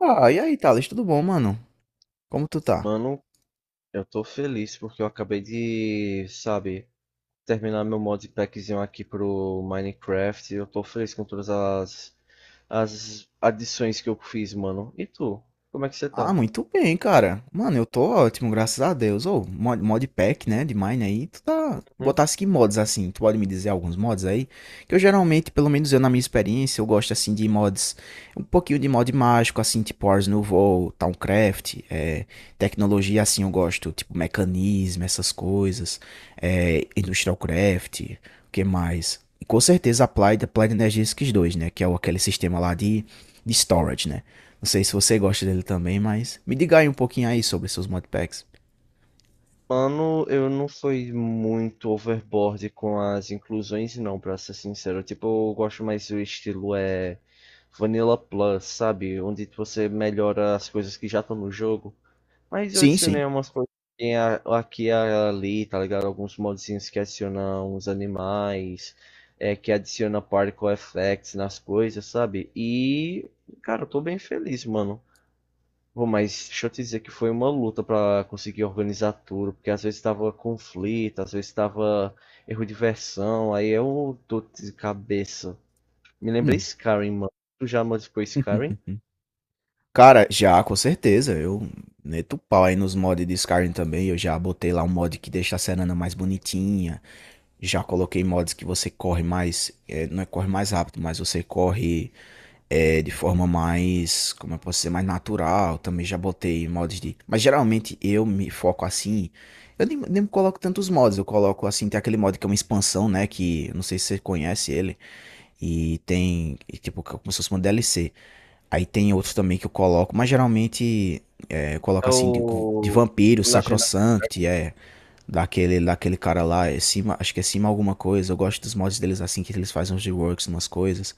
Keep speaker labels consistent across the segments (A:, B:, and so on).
A: Ah, e aí, Thales, tudo bom, mano? Como tu tá?
B: Mano, eu tô feliz porque eu acabei de, sabe, terminar meu modpackzinho aqui pro Minecraft. Eu tô feliz com todas as adições que eu fiz, mano. E tu? Como é que você
A: Ah,
B: tá?
A: muito bem, cara. Mano, eu tô ótimo, graças a Deus. Ou mod, modpack, né, de Mine aí. Tu tá...
B: Hum?
A: Botasse que mods, assim? Tu pode me dizer alguns mods aí? Eu geralmente, pelo menos eu na minha experiência, eu gosto assim de mods, um pouquinho de mod mágico, assim, tipo Ars Nouveau, Towncraft, tecnologia assim eu gosto, tipo mecanismo, essas coisas, Industrial Craft, o que mais? E com certeza Applied Energetics 2, né, que é aquele sistema lá de storage, né? Não sei se você gosta dele também, mas me diga aí um pouquinho aí sobre seus modpacks.
B: Mano, eu não fui muito overboard com as inclusões, não, pra ser sincero. Tipo, eu gosto mais do estilo é Vanilla Plus, sabe? Onde você melhora as coisas que já estão no jogo. Mas eu
A: Sim, sim.
B: adicionei umas coisas que tem aqui e ali, tá ligado? Alguns modzinhos que adicionam uns animais, é, que adiciona particle effects nas coisas, sabe? E, cara, eu tô bem feliz, mano. Pô, mas deixa eu te dizer que foi uma luta pra conseguir organizar tudo, porque às vezes tava conflito, às vezes tava erro de versão, aí eu tô de cabeça. Me lembrei
A: Hum.
B: Skyrim, mano. Tu já modificou Skyrim?
A: Cara, já, com certeza. Eu meto o pau aí nos mods de Skyrim também. Eu já botei lá um mod que deixa a Serana mais bonitinha. Já coloquei mods que você corre mais. É, não é corre mais rápido, mas você corre de forma mais. Como eu posso dizer? Mais natural. Também já botei mods de. Mas geralmente eu me foco assim. Eu nem coloco tantos mods. Eu coloco assim. Tem aquele mod que é uma expansão, né? Que eu não sei se você conhece ele. E tem, e, tipo, como se fosse uma DLC. Aí tem outros também que eu coloco, mas geralmente eu coloco
B: É
A: assim de
B: o
A: vampiro,
B: Legend of
A: sacrosanct, é daquele cara lá, é cima, acho que é cima alguma coisa. Eu gosto dos mods deles assim, que eles fazem uns reworks, umas coisas.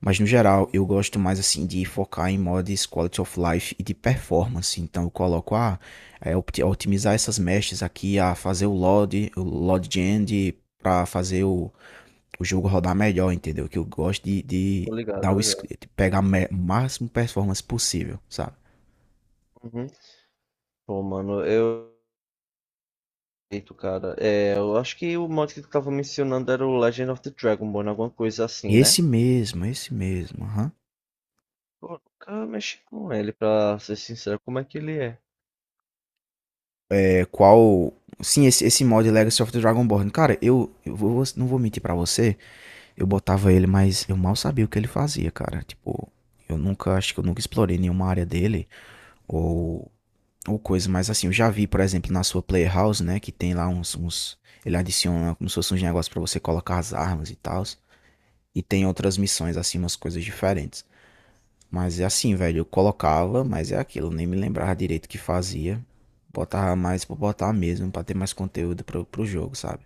A: Mas no geral,
B: Runeterra,
A: eu gosto mais assim de focar em mods quality of life e de performance. Então eu coloco otimizar essas meshes aqui, a fazer o load gen para fazer o jogo rodar melhor, entendeu? Que eu gosto de
B: tô ligado,
A: dar
B: tô
A: o
B: ligado.
A: de pegar o máximo performance possível, sabe?
B: Uhum. Pô, mano, eu. Eito, cara. É, eu acho que o mod que tu tava mencionando era o Legend of the Dragonborn, alguma coisa assim, né?
A: Esse mesmo, aham. Uhum.
B: Pô, nunca mexi com ele, pra ser sincero. Como é que ele é?
A: É, qual. Sim, esse mod Legacy of the Dragonborn. Cara, eu não vou mentir pra você. Eu botava ele, mas eu mal sabia o que ele fazia, cara. Tipo, eu nunca, acho que eu nunca explorei nenhuma área dele. Ou, ou coisa, mas assim, eu já vi, por exemplo, na sua Playhouse, né? Que tem lá uns. Uns ele adiciona como se fosse uns negócios pra você colocar as armas e tal. E tem outras missões, assim, umas coisas diferentes. Mas é assim, velho, eu colocava, mas é aquilo, eu nem me lembrava direito o que fazia. Botava mais pra botar mesmo, pra ter mais conteúdo pro jogo, sabe?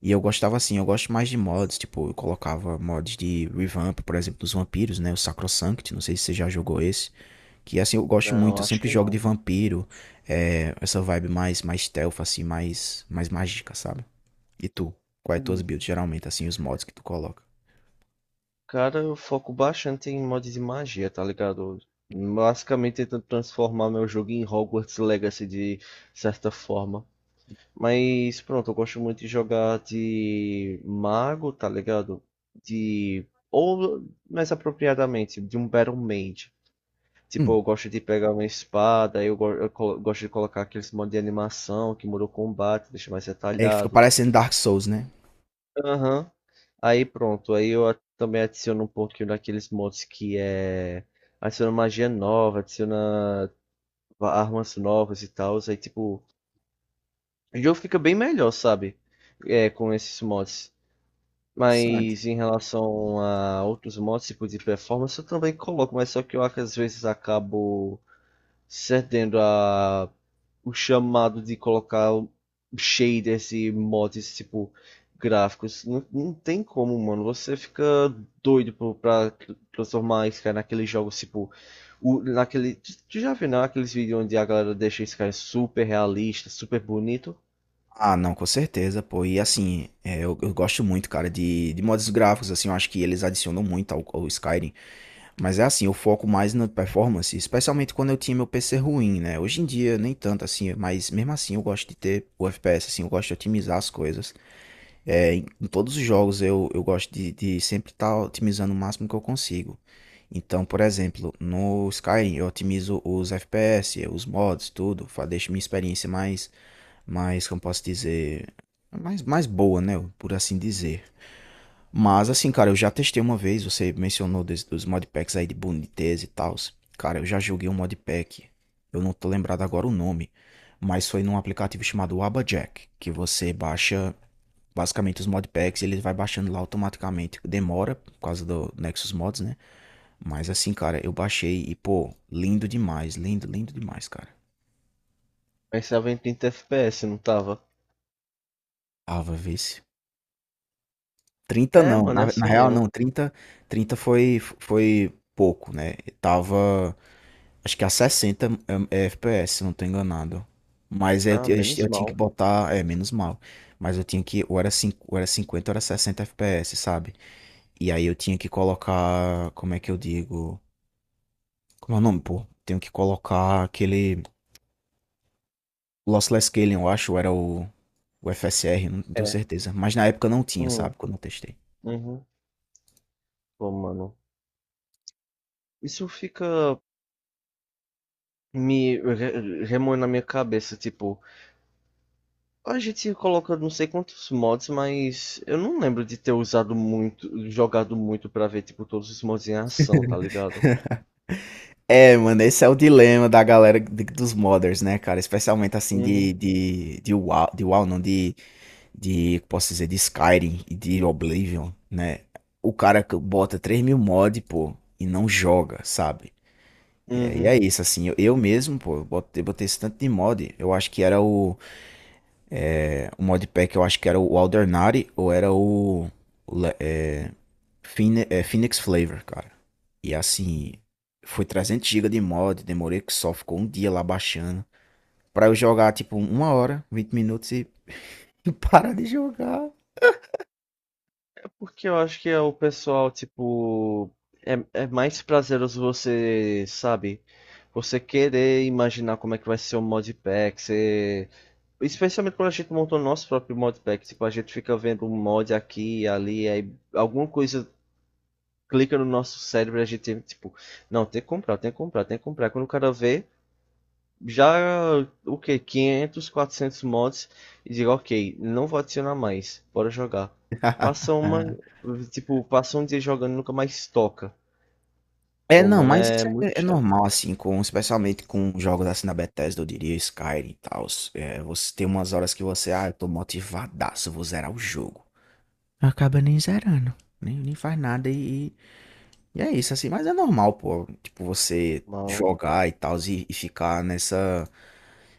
A: E eu gostava assim, eu gosto mais de mods, tipo, eu colocava mods de revamp, por exemplo, dos vampiros, né? O Sacrosanct, não sei se você já jogou esse. Que assim, eu gosto muito,
B: Não,
A: eu
B: acho
A: sempre
B: que
A: jogo de
B: não.
A: vampiro, essa vibe mais, stealth, assim, mais mágica, sabe? E tu? Quais tuas
B: Hum,
A: builds, geralmente, assim, os mods que tu coloca?
B: Cara, eu foco bastante em mod de magia, tá ligado? Basicamente tentando transformar meu jogo em Hogwarts Legacy de certa forma. Mas pronto, eu gosto muito de jogar de mago, tá ligado? De. Ou mais apropriadamente, de um Battle Mage. Tipo, eu
A: Hum,
B: gosto de pegar uma espada, eu gosto de colocar aqueles modos de animação que muda o combate, deixa mais
A: É, fica
B: detalhado.
A: parecendo Dark Souls, né?
B: Aham. Aí pronto, aí também adiciono um pouquinho daqueles mods que é. Adiciona magia nova, adiciona armas novas e tal. Aí tipo, o jogo fica bem melhor, sabe? É, com esses mods.
A: Interessante.
B: Mas em relação a outros mods, tipo de performance, eu também coloco, mas só que eu às vezes acabo cedendo a o chamado de colocar shaders e mods tipo gráficos. Não, não tem como, mano. Você fica doido pra transformar Sky naqueles jogos tipo. Naquele, tu já viu, né? Aqueles vídeos onde a galera deixa Sky super realista, super bonito.
A: Ah, não, com certeza, pô. E assim, eu gosto muito, cara, de modos gráficos, assim, eu acho que eles adicionam muito ao Skyrim. Mas é assim, eu foco mais na performance, especialmente quando eu tinha meu PC ruim, né? Hoje em dia, nem tanto assim, mas mesmo assim eu gosto de ter o FPS, assim, eu gosto de otimizar as coisas. É, em todos os jogos eu gosto de sempre estar otimizando o máximo que eu consigo. Então, por exemplo, no Skyrim eu otimizo os FPS, os mods, tudo, deixo minha experiência mais, como posso dizer, mais boa, né, por assim dizer. Mas assim, cara, eu já testei uma vez, você mencionou dos modpacks aí de boniteza e tal. Cara, eu já joguei um modpack, eu não tô lembrado agora o nome, mas foi num aplicativo chamado Abajack, que você baixa. Basicamente, os modpacks ele vai baixando lá automaticamente. Demora por causa do Nexus Mods, né? Mas assim, cara, eu baixei e, pô, lindo demais, lindo demais, cara.
B: Mas tava em 30 FPS, não tava?
A: Ava, vê se. 30
B: É,
A: não,
B: mano, é
A: na
B: assim
A: real
B: mesmo.
A: não, 30 foi, foi pouco, né? Tava, acho que a 60 é FPS, se não tô enganado. Mas
B: Ah, menos
A: eu tinha que
B: mal.
A: botar, é, menos mal. Mas eu tinha que, ou era, cinco ou era 50 ou era 60 FPS, sabe? E aí eu tinha que colocar, como é que eu digo? Como é o nome, pô? Tenho que colocar aquele Lossless Scaling, eu acho, ou era o FSR, não tenho
B: É.
A: certeza. Mas na época não tinha,
B: Hum,
A: sabe? Quando eu testei.
B: uhum. Pô, mano. Isso fica me remoi na minha cabeça, tipo, a gente coloca não sei quantos mods, mas eu não lembro de ter usado muito, jogado muito pra ver, tipo, todos os mods em ação, tá ligado?
A: É, mano, esse é o dilema da galera dos modders, né, cara? Especialmente assim
B: Uhum.
A: de WoW, não, posso dizer, de Skyrim e de Oblivion, né? O cara que bota 3 mil mods pô, e não joga, sabe? E
B: Uhum.
A: é isso, assim, eu mesmo, pô, botei esse tanto de mod, eu acho que era o. O modpack eu acho que era o Aldernari ou era o é, Phine- é, Phoenix Flavor, cara. E assim, foi 300 GB de mod, demorei que só ficou um dia lá baixando. Pra eu jogar tipo uma hora, 20 minutos e parar de jogar.
B: É, porque eu acho que é o pessoal, tipo, é, é mais prazeroso você, sabe? Você querer imaginar como é que vai ser o modpack, você. Especialmente quando a gente montou o nosso próprio modpack, tipo, a gente fica vendo um mod aqui e ali, aí alguma coisa clica no nosso cérebro e a gente, tipo, não, tem que comprar, tem que comprar, tem que comprar. Quando o cara vê, já, o que, 500, 400 mods e digo, ok, não vou adicionar mais, bora jogar. Passa uma, tipo, passa um dia jogando e nunca mais toca.
A: É,
B: Pô,
A: não,
B: mano,
A: mas
B: é
A: isso
B: muito
A: é
B: chato.
A: normal, assim, com, especialmente com jogos assim da Bethesda, eu diria Skyrim e tal. É, você tem umas horas que você, ah, eu tô motivadaço, eu vou zerar o jogo. Acaba nem zerando, nem faz nada e. E é isso, assim, mas é normal, pô, tipo, você
B: Mal.
A: jogar e tal, e ficar nessa,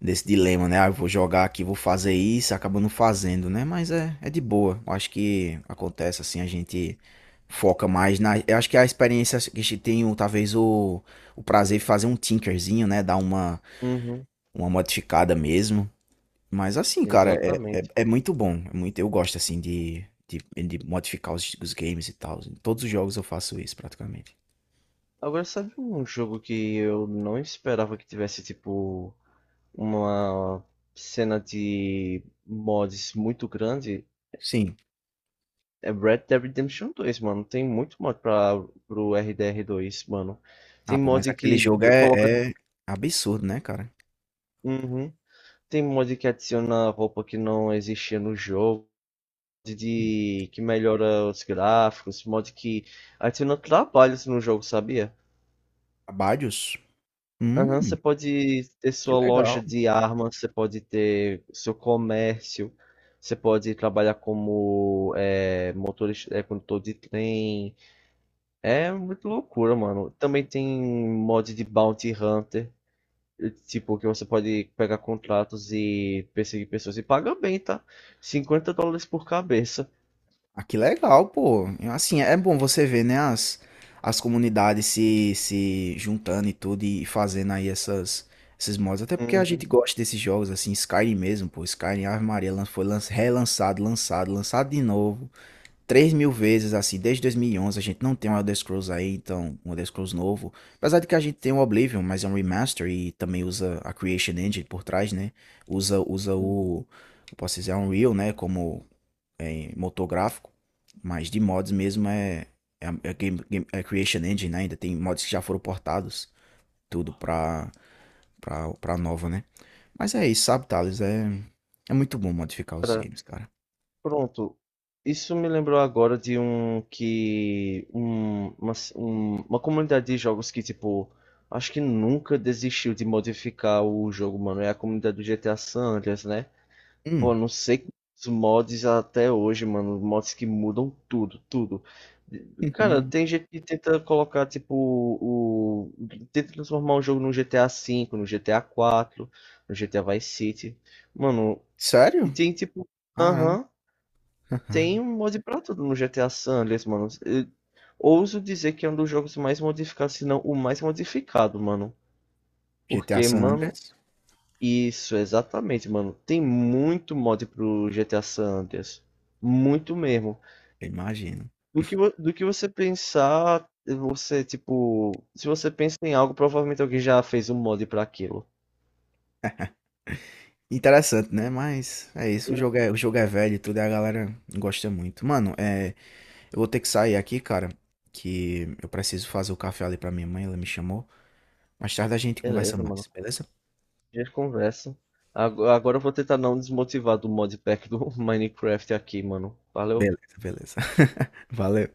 A: nesse dilema, né? Ah, eu vou jogar aqui, vou fazer isso, acaba não fazendo, né? Mas é, é de boa. Eu acho que acontece, assim, a gente foca mais na. Eu acho que a experiência que a gente tem, talvez, o prazer de fazer um tinkerzinho, né? Dar
B: Uhum,
A: uma modificada mesmo. Mas assim, cara,
B: exatamente.
A: é muito bom. É muito, eu gosto, assim, de modificar os games e tal. Em todos os jogos eu faço isso, praticamente.
B: Agora, sabe um jogo que eu não esperava que tivesse, tipo, uma cena de mods muito grande?
A: Sim.
B: É Red Dead Redemption 2, mano. Tem muito mod pro RDR2, mano. Tem
A: Ah, pô, mas
B: mod
A: aquele
B: que
A: jogo
B: coloca.
A: é absurdo, né, cara?
B: Uhum. Tem mod que adiciona roupa que não existia no jogo. Mod
A: Hum.
B: de, que melhora os gráficos. Mod que adiciona trabalhos no jogo, sabia?
A: Abadios?
B: Aham, você
A: Hum,
B: pode ter
A: que
B: sua
A: legal.
B: loja de armas, você pode ter seu comércio, você pode trabalhar como motorista, condutor de trem. É muito loucura, mano. Também tem mod de Bounty Hunter, tipo, que você pode pegar contratos e perseguir pessoas e paga bem, tá? $50 por cabeça.
A: Ah, que legal, pô. Eu, assim, é bom você ver, né, as comunidades se juntando e tudo e fazendo aí essas, esses mods. Até porque a gente
B: Uhum.
A: gosta desses jogos, assim, Skyrim mesmo, pô. Skyrim, Ave Maria, relançado, lançado de novo. Três mil vezes, assim, desde 2011 a gente não tem um Elder Scrolls aí, então um Elder Scrolls novo. Apesar de que a gente tem o Oblivion, mas é um remaster e também usa a Creation Engine por trás, né? Usa o, eu posso dizer, Unreal, né? Como é, motor gráfico, mas de mods mesmo é game, é Creation Engine, né? Ainda tem mods que já foram portados, tudo pra nova, né? Mas é isso, sabe, Thales? É, é muito bom modificar os
B: Cara,
A: games, cara.
B: pronto. Isso me lembrou agora de um que. Uma comunidade de jogos que, tipo, acho que nunca desistiu de modificar o jogo, mano. É a comunidade do GTA San Andreas, né? Pô,
A: Hum.
B: não sei os mods até hoje, mano. Mods que mudam tudo, tudo. Cara, tem gente que tenta colocar, tipo, o. Tenta transformar um jogo no GTA V, no GTA IV, no GTA Vice City. Mano, e
A: Sério?
B: tem, tipo.
A: Caramba.
B: Aham, tem um mod pra tudo no GTA San Andreas, mano. Eu ouso dizer que é um dos jogos mais modificados, se não o mais modificado, mano.
A: GTA
B: Porque,
A: San
B: mano,
A: Andreas,
B: isso, exatamente, mano. Tem muito mod pro GTA San Andreas. Muito mesmo.
A: eu imagino.
B: Do que, do que você pensar, você, tipo, se você pensa em algo, provavelmente alguém já fez um mod pra aquilo.
A: Interessante, né? Mas é isso, o jogo é velho e tudo, e a galera gosta muito. Mano, é, eu vou ter que sair aqui, cara, que eu preciso fazer o café ali pra minha mãe, ela me chamou. Mais tarde a gente conversa
B: Beleza, mano.
A: mais, beleza?
B: A gente conversa. Agora eu vou tentar não desmotivar do modpack do Minecraft aqui, mano. Valeu.
A: Beleza, beleza. Valeu.